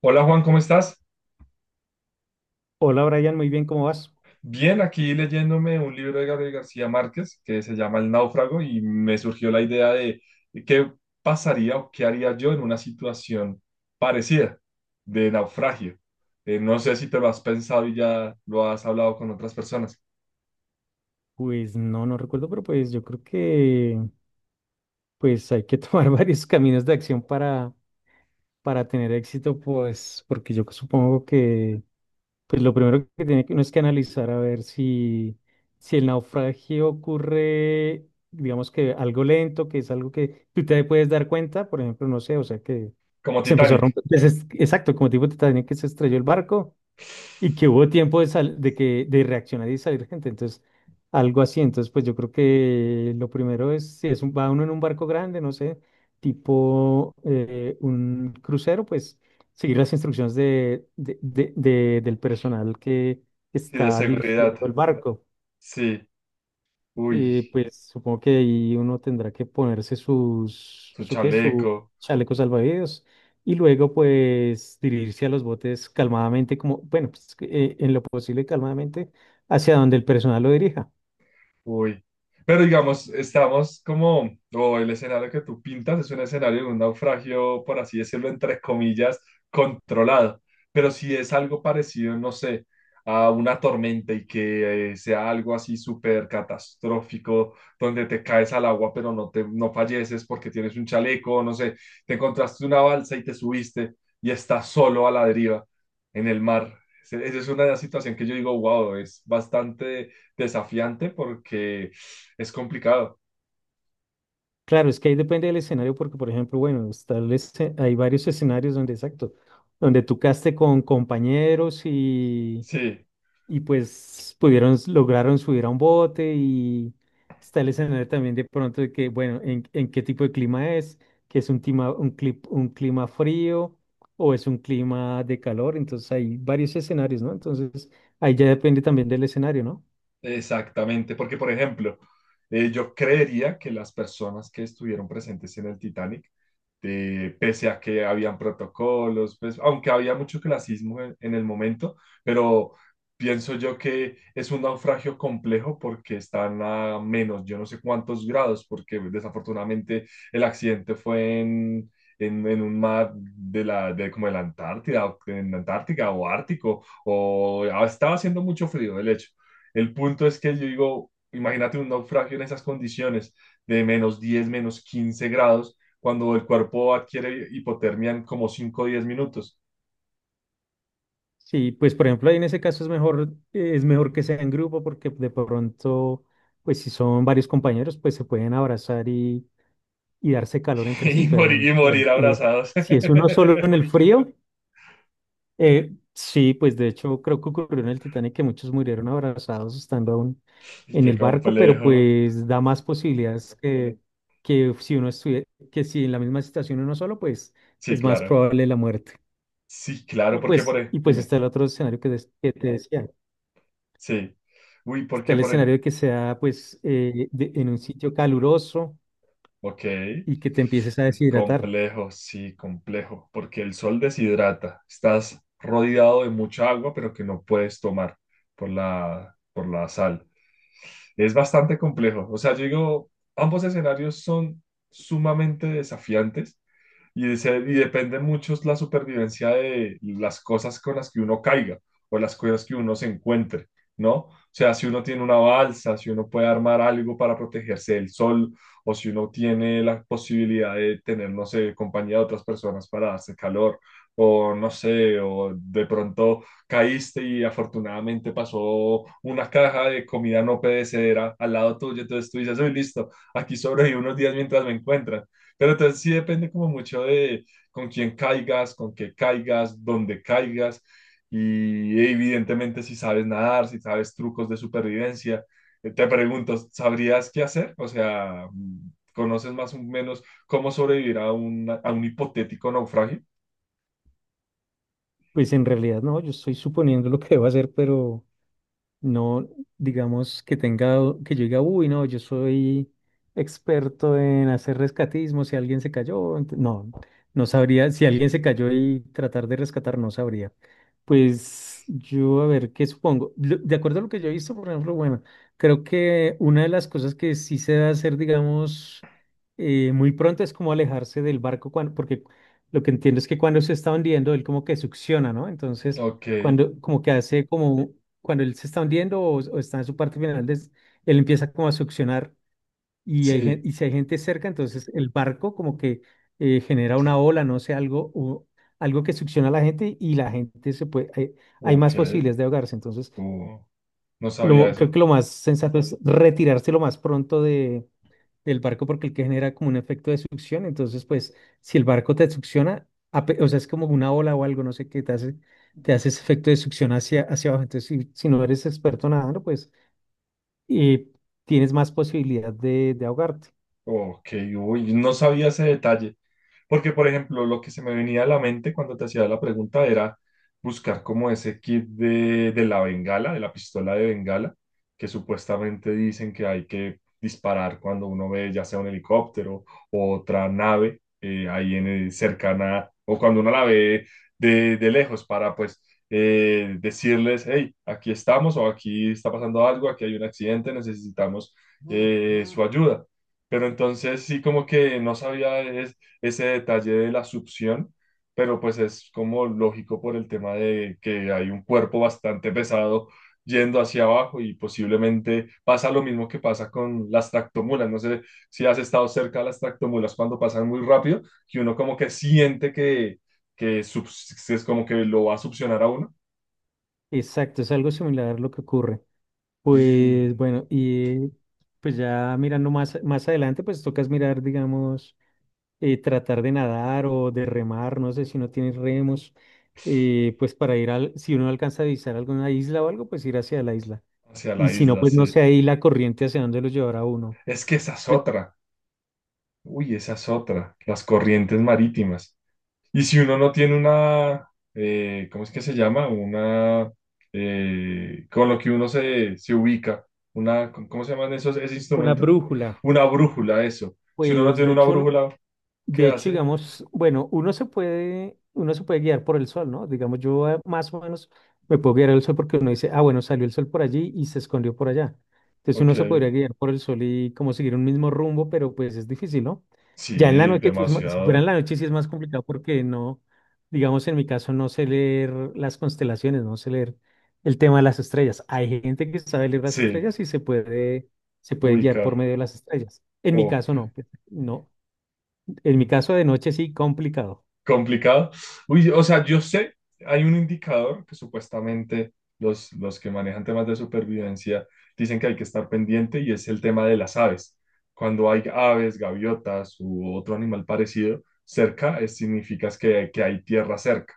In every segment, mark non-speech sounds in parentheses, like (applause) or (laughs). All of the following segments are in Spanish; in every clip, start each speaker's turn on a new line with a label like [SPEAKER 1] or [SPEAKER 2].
[SPEAKER 1] Hola Juan, ¿cómo estás?
[SPEAKER 2] Hola Brian, muy bien, ¿cómo vas?
[SPEAKER 1] Bien, aquí leyéndome un libro de Gabriel García Márquez que se llama El náufrago y me surgió la idea de qué pasaría o qué haría yo en una situación parecida de naufragio. No sé si te lo has pensado y ya lo has hablado con otras personas,
[SPEAKER 2] Pues no, no recuerdo, pero pues yo creo que pues hay que tomar (laughs) varios caminos de acción para tener éxito, pues porque yo supongo que pues lo primero que tiene que uno es que analizar a ver si el naufragio ocurre, digamos que algo lento, que es algo que tú te puedes dar cuenta, por ejemplo, no sé, o sea que
[SPEAKER 1] como
[SPEAKER 2] se empezó a
[SPEAKER 1] Titanic,
[SPEAKER 2] romper, pues, exacto, como tipo te que se estrelló el barco y que hubo tiempo de, de reaccionar y salir gente. Entonces, algo así. Entonces, pues yo creo que lo primero es, si es un, va uno en un barco grande, no sé, tipo un crucero, pues seguir las instrucciones del personal que
[SPEAKER 1] sí, de
[SPEAKER 2] está
[SPEAKER 1] seguridad,
[SPEAKER 2] dirigiendo el barco.
[SPEAKER 1] sí, uy,
[SPEAKER 2] Y pues supongo que ahí uno tendrá que ponerse sus,
[SPEAKER 1] su
[SPEAKER 2] su qué, su
[SPEAKER 1] chaleco,
[SPEAKER 2] chaleco salvavidas y luego pues dirigirse a los botes calmadamente, como, bueno, pues, que, en lo posible calmadamente hacia donde el personal lo dirija.
[SPEAKER 1] uy. Pero digamos, estamos como, o el escenario que tú pintas es un escenario de un naufragio, por así decirlo, entre comillas, controlado. Pero si es algo parecido, no sé, a una tormenta y que sea algo así súper catastrófico, donde te caes al agua pero no te, no falleces porque tienes un chaleco, no sé, te encontraste una balsa y te subiste y estás solo a la deriva en el mar. Esa es una situación que yo digo, wow, es bastante desafiante porque es complicado.
[SPEAKER 2] Claro, es que ahí depende del escenario porque, por ejemplo, bueno, está hay varios escenarios donde, exacto, donde tú caste con compañeros y
[SPEAKER 1] Sí,
[SPEAKER 2] y pues pudieron, lograron subir a un bote y está el escenario también de pronto de que, bueno, en qué tipo de clima es, que es un clima, un clima frío o es un clima de calor, entonces hay varios escenarios, ¿no? Entonces ahí ya depende también del escenario, ¿no?
[SPEAKER 1] exactamente, porque por ejemplo, yo creería que las personas que estuvieron presentes en el Titanic, pese a que habían protocolos, pues, aunque había mucho clasismo en el momento, pero pienso yo que es un naufragio complejo porque están a menos, yo no sé cuántos grados, porque desafortunadamente el accidente fue en... en un mar de la, de la Antártida, en Antártica o Ártico, o estaba haciendo mucho frío, de hecho. El punto es que yo digo, imagínate un naufragio en esas condiciones de menos 10, menos 15 grados, cuando el cuerpo adquiere hipotermia en como 5 o 10 minutos.
[SPEAKER 2] Sí, pues por ejemplo, ahí en ese caso es mejor que sea en grupo porque de pronto, pues si son varios compañeros, pues se pueden abrazar y darse calor
[SPEAKER 1] (laughs)
[SPEAKER 2] entre sí,
[SPEAKER 1] Y morir,
[SPEAKER 2] pero
[SPEAKER 1] y
[SPEAKER 2] por
[SPEAKER 1] morir
[SPEAKER 2] ejemplo,
[SPEAKER 1] abrazados.
[SPEAKER 2] si es uno solo en
[SPEAKER 1] (laughs)
[SPEAKER 2] el frío, sí, pues de hecho creo que ocurrió en el Titanic que muchos murieron abrazados estando aún
[SPEAKER 1] Y
[SPEAKER 2] en
[SPEAKER 1] qué
[SPEAKER 2] el barco, pero
[SPEAKER 1] complejo.
[SPEAKER 2] pues da más posibilidades que si uno estuviera, que si en la misma situación uno solo, pues
[SPEAKER 1] Sí,
[SPEAKER 2] es más
[SPEAKER 1] claro.
[SPEAKER 2] probable la muerte.
[SPEAKER 1] Sí, claro, porque por ahí,
[SPEAKER 2] Y pues
[SPEAKER 1] dime.
[SPEAKER 2] está el otro escenario que te decía.
[SPEAKER 1] Sí. Uy, ¿por
[SPEAKER 2] Está
[SPEAKER 1] qué
[SPEAKER 2] el
[SPEAKER 1] por ahí?
[SPEAKER 2] escenario de que sea pues en un sitio caluroso
[SPEAKER 1] Ok.
[SPEAKER 2] y que te empieces a
[SPEAKER 1] Uy,
[SPEAKER 2] deshidratar.
[SPEAKER 1] complejo, sí, complejo, porque el sol deshidrata. Estás rodeado de mucha agua, pero que no puedes tomar por la sal. Es bastante complejo. O sea, yo digo, ambos escenarios son sumamente desafiantes y, y depende mucho la supervivencia de las cosas con las que uno caiga o las cosas que uno se encuentre, ¿no? O sea, si uno tiene una balsa, si uno puede armar algo para protegerse del sol, o si uno tiene la posibilidad de tener, no sé, compañía de otras personas para darse calor, o no sé, o de pronto caíste y afortunadamente pasó una caja de comida no perecedera al lado tuyo, entonces tú dices, uy, listo, aquí sobrevivo unos días mientras me encuentran. Pero entonces sí depende como mucho de con quién caigas, con qué caigas, dónde caigas. Y evidentemente si sabes nadar, si sabes trucos de supervivencia, te pregunto, ¿sabrías qué hacer? O sea, ¿conoces más o menos cómo sobrevivir a un hipotético naufragio?
[SPEAKER 2] Pues en realidad no, yo estoy suponiendo lo que debo hacer, pero no, digamos que tenga, que yo diga, uy, no, yo soy experto en hacer rescatismo, si alguien se cayó, no, no sabría, si alguien se cayó y tratar de rescatar, no sabría. Pues yo, a ver, ¿qué supongo? De acuerdo a lo que yo he visto, por ejemplo, bueno, creo que una de las cosas que sí se debe hacer, digamos, muy pronto es como alejarse del barco, cuando, porque lo que entiendo es que cuando se está hundiendo, él como que succiona, ¿no? Entonces,
[SPEAKER 1] Ok,
[SPEAKER 2] cuando como que hace como cuando él se está hundiendo o está en su parte final, él empieza como a succionar y,
[SPEAKER 1] sí.
[SPEAKER 2] y si hay gente cerca, entonces el barco como que genera una ola, no sé, algo, o algo que succiona a la gente y la gente se puede, hay
[SPEAKER 1] Ok,
[SPEAKER 2] más posibilidades de ahogarse. Entonces,
[SPEAKER 1] oh, no sabía
[SPEAKER 2] lo, creo
[SPEAKER 1] eso.
[SPEAKER 2] que lo más sensato es retirarse lo más pronto de, del barco porque el que genera como un efecto de succión, entonces pues si el barco te succiona, o sea, es como una ola o algo, no sé qué te hace ese efecto de succión hacia abajo. Entonces, si, si no eres experto nadando, pues y tienes más posibilidad de ahogarte.
[SPEAKER 1] Ok, uy, no sabía ese detalle. Porque, por ejemplo, lo que se me venía a la mente cuando te hacía la pregunta era buscar como ese kit de la bengala, de la pistola de bengala, que supuestamente dicen que hay que disparar cuando uno ve ya sea un helicóptero o otra nave ahí en cercana, o cuando uno la ve de lejos para pues decirles, hey, aquí estamos o aquí está pasando algo, aquí hay un accidente, necesitamos su ayuda. Pero entonces sí como que no sabía ese detalle de la succión, pero pues es como lógico por el tema de que hay un cuerpo bastante pesado yendo hacia abajo y posiblemente pasa lo mismo que pasa con las tractomulas. No sé si has estado cerca de las tractomulas cuando pasan muy rápido, que uno como que siente que, es como que lo va a succionar a uno
[SPEAKER 2] Exacto, es algo similar a lo que ocurre.
[SPEAKER 1] y
[SPEAKER 2] Pues bueno, y pues ya mirando más adelante, pues tocas mirar, digamos, tratar de nadar o de remar, no sé si no tienes remos, pues para ir al, si uno alcanza a visitar alguna isla o algo, pues ir hacia la isla.
[SPEAKER 1] hacia la
[SPEAKER 2] Y si no,
[SPEAKER 1] isla,
[SPEAKER 2] pues no
[SPEAKER 1] sí.
[SPEAKER 2] sé ahí la corriente hacia dónde lo llevará uno.
[SPEAKER 1] Es que esa es
[SPEAKER 2] Pues,
[SPEAKER 1] otra. Uy, esa es otra. Las corrientes marítimas. Y si uno no tiene una, ¿cómo es que se llama? Una, con lo que uno se, se ubica, una, ¿cómo se llaman esos, ese
[SPEAKER 2] una
[SPEAKER 1] instrumento?
[SPEAKER 2] brújula.
[SPEAKER 1] Una brújula, eso. Si uno no
[SPEAKER 2] Pues
[SPEAKER 1] tiene
[SPEAKER 2] de
[SPEAKER 1] una
[SPEAKER 2] hecho,
[SPEAKER 1] brújula, ¿qué
[SPEAKER 2] de hecho,
[SPEAKER 1] hace?
[SPEAKER 2] digamos, bueno, uno se puede guiar por el sol, ¿no? Digamos, yo más o menos me puedo guiar el sol porque uno dice, ah, bueno, salió el sol por allí y se escondió por allá. Entonces
[SPEAKER 1] Ok,
[SPEAKER 2] uno se podría guiar por el sol y como seguir un mismo rumbo, pero pues es difícil, ¿no? Ya en la
[SPEAKER 1] sí,
[SPEAKER 2] noche, sí es si fuera en
[SPEAKER 1] demasiado,
[SPEAKER 2] la noche sí es más complicado porque no, digamos, en mi caso no sé leer las constelaciones, no sé leer el tema de las estrellas. Hay gente que sabe leer las
[SPEAKER 1] sí,
[SPEAKER 2] estrellas y se puede guiar
[SPEAKER 1] ubicar,
[SPEAKER 2] por medio de las estrellas. En mi caso
[SPEAKER 1] ok.
[SPEAKER 2] no, pues, no. En mi
[SPEAKER 1] Mm.
[SPEAKER 2] caso de noche sí, complicado.
[SPEAKER 1] Complicado. Uy, o sea, yo sé, hay un indicador que supuestamente los que manejan temas de supervivencia dicen que hay que estar pendiente y es el tema de las aves. Cuando hay aves, gaviotas u otro animal parecido cerca, significa es que hay tierra cerca.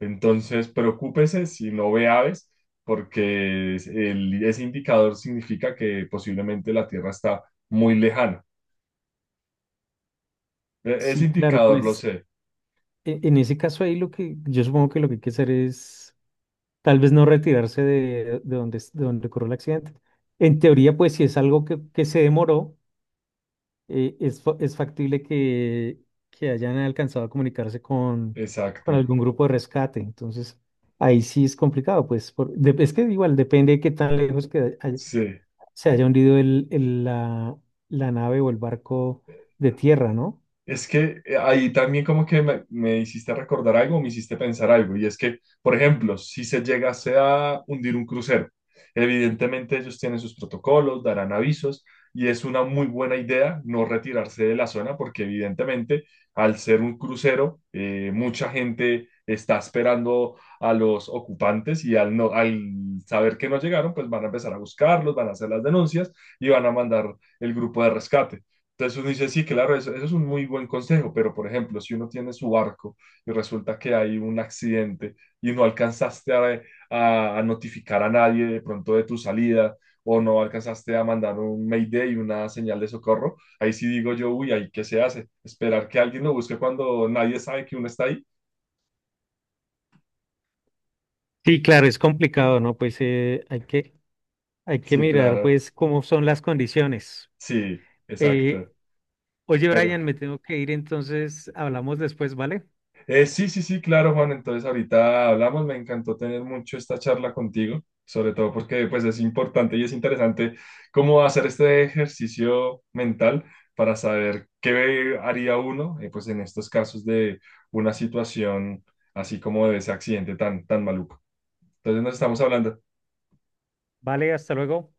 [SPEAKER 1] Entonces, preocúpese si no ve aves, porque ese indicador significa que posiblemente la tierra está muy lejana. Ese
[SPEAKER 2] Sí, claro,
[SPEAKER 1] indicador lo
[SPEAKER 2] pues
[SPEAKER 1] sé,
[SPEAKER 2] en ese caso ahí lo que yo supongo que lo que hay que hacer es tal vez no retirarse de donde, de donde ocurrió el accidente. En teoría, pues si es algo que se demoró, es, es factible que hayan alcanzado a comunicarse con
[SPEAKER 1] exacto.
[SPEAKER 2] algún grupo de rescate. Entonces, ahí sí es complicado, pues es que igual depende de qué tan lejos que
[SPEAKER 1] Sí.
[SPEAKER 2] se haya hundido la, la nave o el barco de tierra, ¿no?
[SPEAKER 1] Es que ahí también como que me hiciste recordar algo, me hiciste pensar algo, y es que, por ejemplo, si se llegase a hundir un crucero, evidentemente ellos tienen sus protocolos, darán avisos, y es una muy buena idea no retirarse de la zona, porque evidentemente al ser un crucero, mucha gente está esperando a los ocupantes y al saber que no llegaron, pues van a empezar a buscarlos, van a hacer las denuncias y van a mandar el grupo de rescate. Entonces uno dice, sí, claro, eso es un muy buen consejo, pero por ejemplo, si uno tiene su barco y resulta que hay un accidente y no alcanzaste a, a notificar a nadie de pronto de tu salida o no alcanzaste a mandar un mayday, una señal de socorro, ahí sí digo yo, uy, ahí qué se hace, esperar que alguien lo busque cuando nadie sabe que uno está ahí.
[SPEAKER 2] Sí, claro, es complicado, ¿no? Pues hay que
[SPEAKER 1] Sí,
[SPEAKER 2] mirar,
[SPEAKER 1] claro,
[SPEAKER 2] pues, cómo son las condiciones.
[SPEAKER 1] sí,
[SPEAKER 2] Eh,
[SPEAKER 1] exacto,
[SPEAKER 2] oye,
[SPEAKER 1] pero
[SPEAKER 2] Brian, me tengo que ir, entonces hablamos después, ¿vale?
[SPEAKER 1] Sí, sí, sí, claro, Juan. Entonces ahorita hablamos. Me encantó tener mucho esta charla contigo, sobre todo porque pues es importante y es interesante cómo hacer este ejercicio mental para saber qué haría uno pues en estos casos de una situación así como de ese accidente tan, tan maluco. Entonces nos estamos hablando.
[SPEAKER 2] Vale, hasta luego.